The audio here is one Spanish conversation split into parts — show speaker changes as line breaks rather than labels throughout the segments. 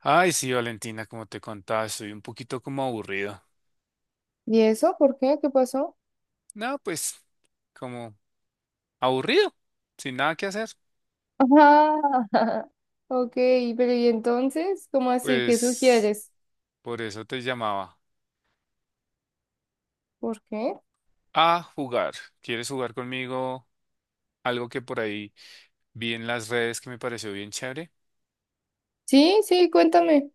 Ay, sí, Valentina, como te contaba, estoy un poquito como aburrido.
¿Y eso? ¿Por qué? ¿Qué pasó?
No, pues, como aburrido, sin nada que hacer.
Ah, ok, pero ¿y entonces? ¿Cómo así? ¿Qué
Pues,
sugieres?
por eso te llamaba
¿Por qué?
a jugar. ¿Quieres jugar conmigo? Algo que por ahí vi en las redes que me pareció bien chévere.
Sí, sí, cuéntame.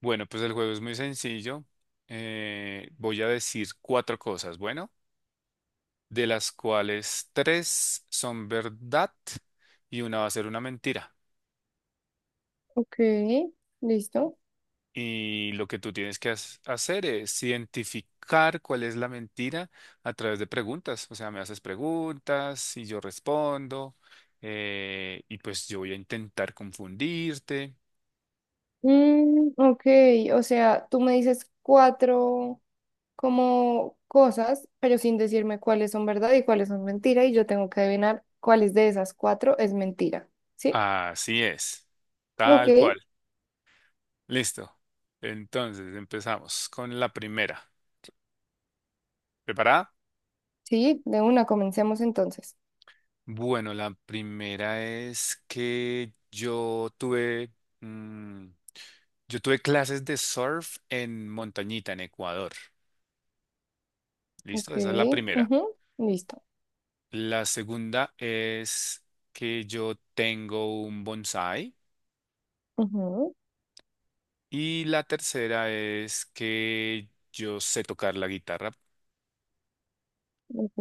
Bueno, pues el juego es muy sencillo. Voy a decir cuatro cosas, bueno, de las cuales tres son verdad y una va a ser una mentira.
Ok, listo.
Y lo que tú tienes que hacer es identificar cuál es la mentira a través de preguntas. O sea, me haces preguntas y yo respondo. Y pues yo voy a intentar confundirte.
Mm, ok, o sea, tú me dices cuatro como cosas, pero sin decirme cuáles son verdad y cuáles son mentira, y yo tengo que adivinar cuáles de esas cuatro es mentira. ¿Sí?
Así es.
Ok,
Tal cual. Listo. Entonces, empezamos con la primera. ¿Preparada?
sí, de una, comencemos entonces.
Bueno, la primera es que yo mm, tuve clases de surf en Montañita, en Ecuador.
Ok,
Listo, esa es la primera.
ujú, listo.
La segunda es que yo tengo un bonsai. Y la tercera es que yo sé tocar la guitarra.
Ok.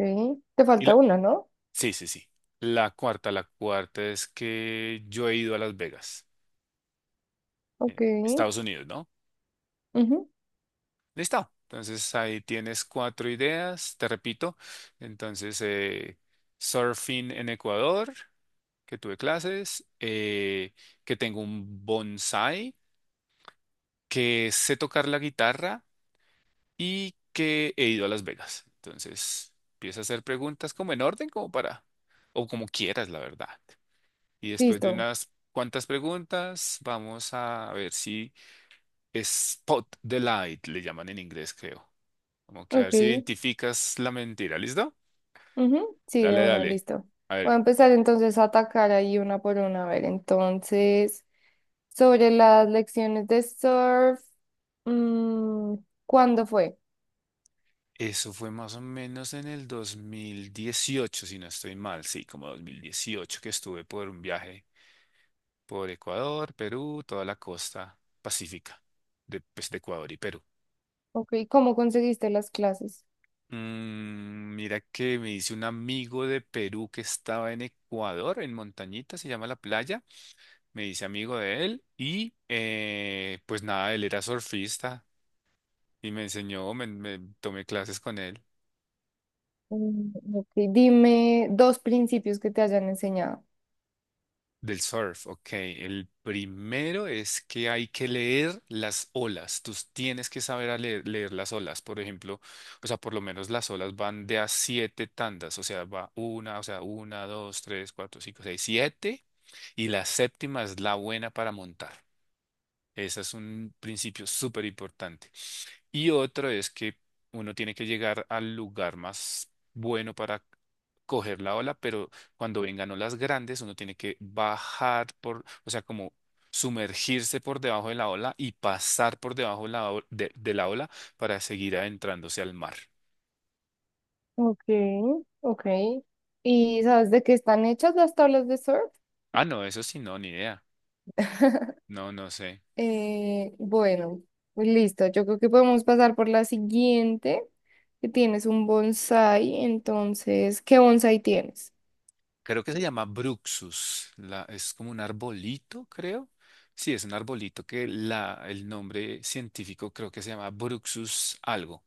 Te
Y
falta
la...
una, ¿no?
Sí, sí, sí. La cuarta es que yo he ido a Las Vegas,
Ok.
Estados Unidos, ¿no?
Ujú,
Listo. Entonces ahí tienes cuatro ideas, te repito. Entonces, surfing en Ecuador, que tuve clases, que tengo un bonsai que sé tocar la guitarra y que he ido a Las Vegas. Entonces, empieza a hacer preguntas como en orden, como para, o como quieras, la verdad. Y después de
listo.
unas cuantas preguntas, vamos a ver si spot the light, le llaman en inglés, creo. Como que a ver si
Ok.
identificas la mentira, ¿listo?
Ujú, sí, de
Dale,
una,
dale.
listo.
A
Voy a
ver,
empezar entonces a atacar ahí una por una. A ver, entonces, sobre las lecciones de surf, mm, ¿cuándo fue?
eso fue más o menos en el 2018, si no estoy mal, sí, como 2018 que estuve por un viaje por Ecuador, Perú, toda la costa pacífica de, pues, de Ecuador y Perú.
Ok, ¿cómo conseguiste las clases?
Mira que me dice un amigo de Perú que estaba en Ecuador, en Montañita, se llama la playa. Me dice amigo de él y pues nada, él era surfista y me enseñó, me tomé clases con él.
Mm, ok, dime dos principios que te hayan enseñado.
Del surf, ok. El primero es que hay que leer las olas. Tú tienes que saber a leer las olas. Por ejemplo, o sea, por lo menos las olas van de a siete tandas. O sea, va una, o sea, una, dos, tres, cuatro, cinco, seis, siete. Y la séptima es la buena para montar. Ese es un principio súper importante. Y otro es que uno tiene que llegar al lugar más bueno para coger la ola, pero cuando vengan olas grandes, uno tiene que bajar por, o sea, como sumergirse por debajo de la ola y pasar por debajo de la ola para seguir adentrándose al mar.
Ok, ok. ¿Y sabes de qué están hechas las tablas de surf?
Ah, no, eso sí, no, ni idea. No, no sé.
Bueno, pues listo. Yo creo que podemos pasar por la siguiente, que tienes un bonsai. Entonces, ¿qué bonsai tienes?
Creo que se llama Bruxus. Es como un arbolito, creo. Sí, es un arbolito que el nombre científico creo que se llama Bruxus algo.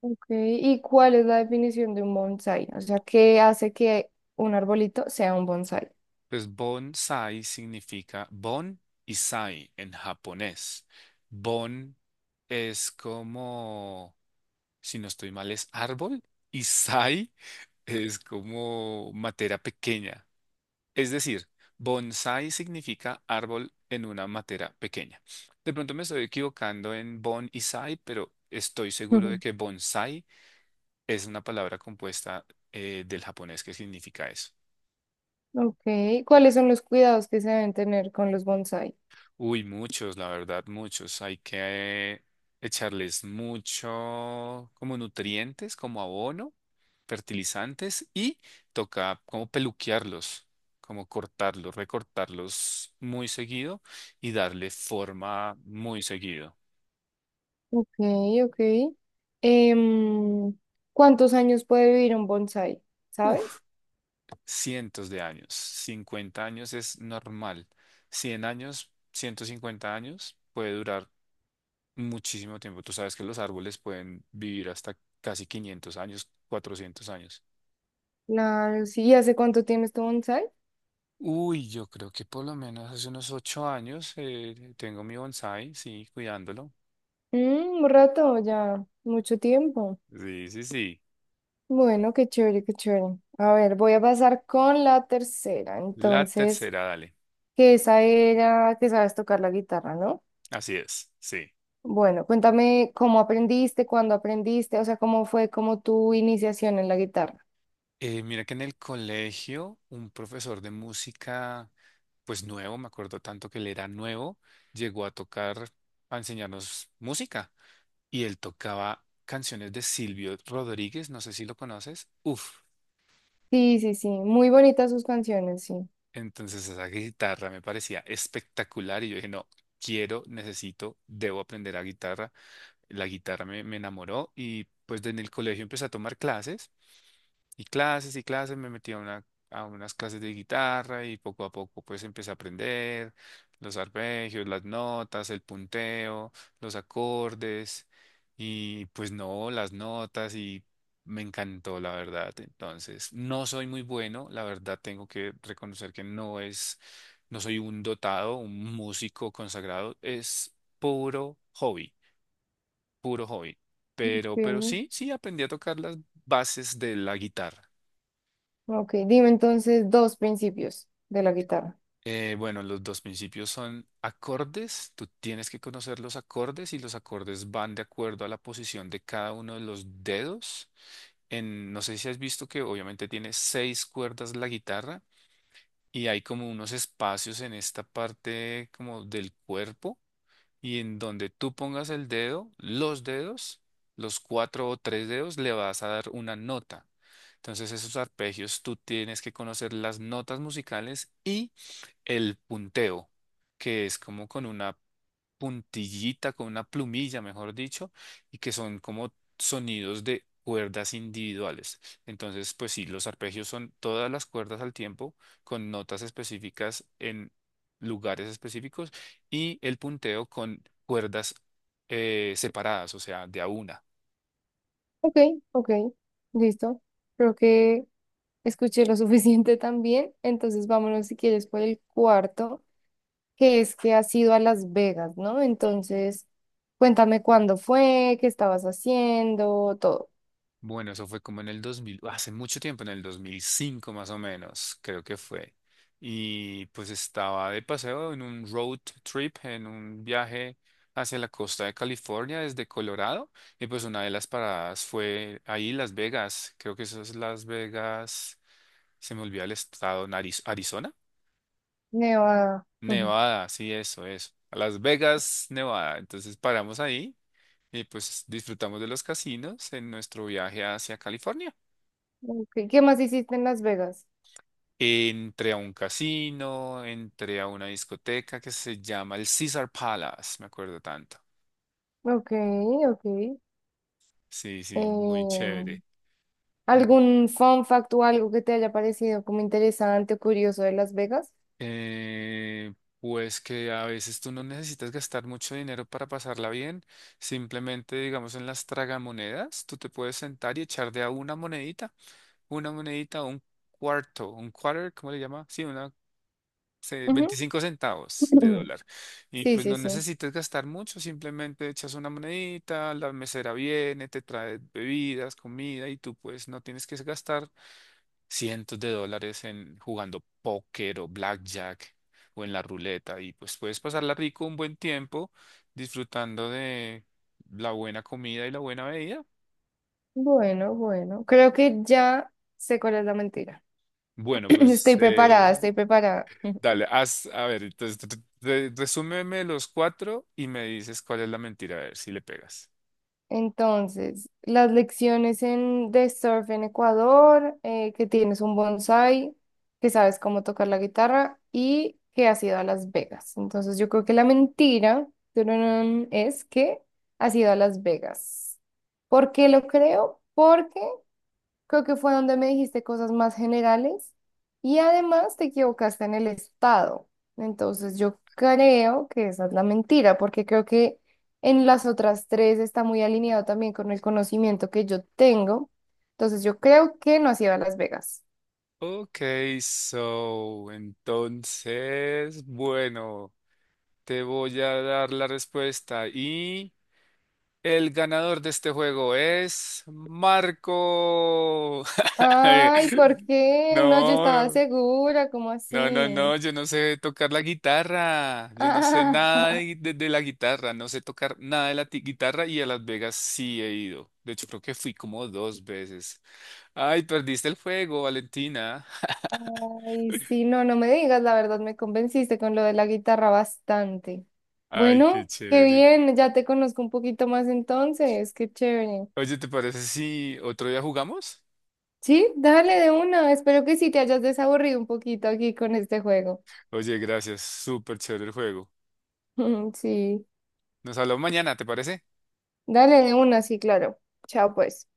Ok, ¿y cuál es la definición de un bonsai? O sea, ¿qué hace que un arbolito sea un bonsai?
Pues bonsai significa bon y sai en japonés. Bon es como, si no estoy mal, es árbol y sai es como materia pequeña. Es decir, bonsai significa árbol en una matera pequeña. De pronto me estoy equivocando en bon y sai, pero estoy seguro de
Ujú.
que bonsai es una palabra compuesta del japonés que significa eso.
Ok, ¿cuáles son los cuidados que se deben tener con los bonsai?
Uy, muchos, la verdad, muchos. Hay que echarles mucho como nutrientes, como abono, fertilizantes y toca como peluquearlos, como cortarlos, recortarlos muy seguido y darle forma muy seguido.
Ok, ok. Em, ¿Cuántos años puede vivir un bonsai?
Uf,
¿Sabes?
cientos de años. 50 años es normal. 100 años, 150 años puede durar muchísimo tiempo. Tú sabes que los árboles pueden vivir hasta casi 500 años, 400 años.
La, sí, ¿y ¿hace cuánto tienes tu bonsai?
Uy, yo creo que por lo menos hace unos 8 años tengo mi bonsai, sí, cuidándolo.
Mm, un rato ya, mucho tiempo.
Sí, sí, sí.
Bueno, qué chévere, qué chévere. A ver, voy a pasar con la tercera.
La
Entonces,
tercera, dale.
que esa era que sabes tocar la guitarra, ¿no?
Así es, sí.
Bueno, cuéntame cómo aprendiste, cuándo aprendiste, o sea, cómo fue como tu iniciación en la guitarra.
Mira que en el colegio un profesor de música, pues nuevo, me acuerdo tanto que él era nuevo, llegó a tocar, a enseñarnos música y él tocaba canciones de Silvio Rodríguez, no sé si lo conoces. Uf,
Sí, sí, sí, muy bonitas sus canciones, sí.
entonces esa guitarra me parecía espectacular y yo dije, no, quiero, necesito, debo aprender a guitarra. La guitarra me enamoró y pues en el colegio empecé a tomar clases. Y clases y clases, me metí a unas clases de guitarra y poco a poco pues empecé a aprender los arpegios, las notas, el punteo, los acordes y pues no, las notas y me encantó la verdad. Entonces, no soy muy bueno, la verdad tengo que reconocer que no soy un dotado, un músico consagrado, es puro hobby, puro hobby. Pero
Ok,
sí, sí aprendí a tocar las bases de la guitarra.
ok, dime entonces dos principios de la guitarra.
Bueno, los dos principios son acordes. Tú tienes que conocer los acordes y los acordes van de acuerdo a la posición de cada uno de los dedos. No sé si has visto que obviamente tiene seis cuerdas la guitarra y hay como unos espacios en esta parte como del cuerpo y en donde tú pongas el dedo, los dedos, los cuatro o tres dedos, le vas a dar una nota. Entonces esos arpegios tú tienes que conocer las notas musicales y el punteo, que es como con una puntillita, con una plumilla, mejor dicho, y que son como sonidos de cuerdas individuales. Entonces, pues sí, los arpegios son todas las cuerdas al tiempo, con notas específicas en lugares específicos, y el punteo con cuerdas separadas, o sea, de a una.
Ok, ok, listo. Creo que escuché lo suficiente también, entonces vámonos si quieres por el cuarto, que es que has ido a Las Vegas, ¿no? Entonces, cuéntame cuándo fue, qué estabas haciendo, todo.
Bueno, eso fue como en el 2000, hace mucho tiempo, en el 2005 más o menos, creo que fue. Y pues estaba de paseo en un road trip, en un viaje hacia la costa de California desde Colorado. Y pues una de las paradas fue ahí Las Vegas, creo que eso es Las Vegas, se me olvida el estado, Arizona,
Nevada. Ujú.
Nevada, sí, eso, eso. Las Vegas, Nevada. Entonces paramos ahí y pues disfrutamos de los casinos en nuestro viaje hacia California.
Ok, ¿qué más hiciste en Las Vegas?
Entré a un casino, entré a una discoteca que se llama el Caesar Palace, me acuerdo tanto.
Ok, ok.
Sí, sí, muy
Em,
chévere. Mu-
¿Algún fun fact o algo que te haya parecido como interesante o curioso de Las Vegas?
Eh, pues que a veces tú no necesitas gastar mucho dinero para pasarla bien. Simplemente, digamos, en las tragamonedas, tú te puedes sentar y echar de a una monedita, un cuarto, un quarter, ¿cómo le llama? Sí,
Ujú.
25 centavos de dólar. Y
Sí,
pues
sí,
no
sí.
necesitas gastar mucho, simplemente echas una monedita, la mesera viene, te trae bebidas, comida y tú pues no tienes que gastar cientos de dólares en jugando póker o blackjack o en la ruleta y pues puedes pasarla rico un buen tiempo disfrutando de la buena comida y la buena bebida.
Bueno, bueno. Creo que ya sé cuál es la mentira.
Bueno, pues
Estoy preparada,
eh,
estoy preparada.
Dale, haz, a ver, entonces resúmeme los cuatro y me dices cuál es la mentira, a ver si le pegas.
Entonces, las lecciones en, de surf en Ecuador, que tienes un bonsai, que sabes cómo tocar la guitarra y que has ido a Las Vegas. Entonces, yo creo que la mentira tururún, es que has ido a Las Vegas. ¿Por qué lo creo? Porque creo que fue donde me dijiste cosas más generales y además te equivocaste en el estado. Entonces yo creo que esa es la mentira, porque creo que en las otras tres está muy alineado también con el conocimiento que yo tengo. Entonces yo creo que no has ido a Las Vegas.
Ok, so, entonces, bueno, te voy a dar la respuesta y el ganador de este juego es Marco.
Ay, ¿por qué? No, yo estaba
No.
segura, ¿cómo
No, no,
así?
no, yo no sé tocar la guitarra, yo no sé nada de la guitarra, no sé tocar nada de la guitarra y a Las Vegas sí he ido. De hecho, creo que fui como dos veces. Ay, perdiste el juego, Valentina.
Ay, sí, no, no me digas, la verdad me convenciste con lo de la guitarra bastante.
Ay, qué
Bueno, qué
chévere.
bien, ya te conozco un poquito más entonces, qué chévere.
Oye, ¿te parece si otro día jugamos?
Sí, dale de una, espero que sí te hayas desaburrido un poquito aquí con este juego.
Oye, gracias, súper chévere el juego.
Sí,
Nos hablamos mañana, ¿te parece?
dale de una, sí, claro. Chao, pues.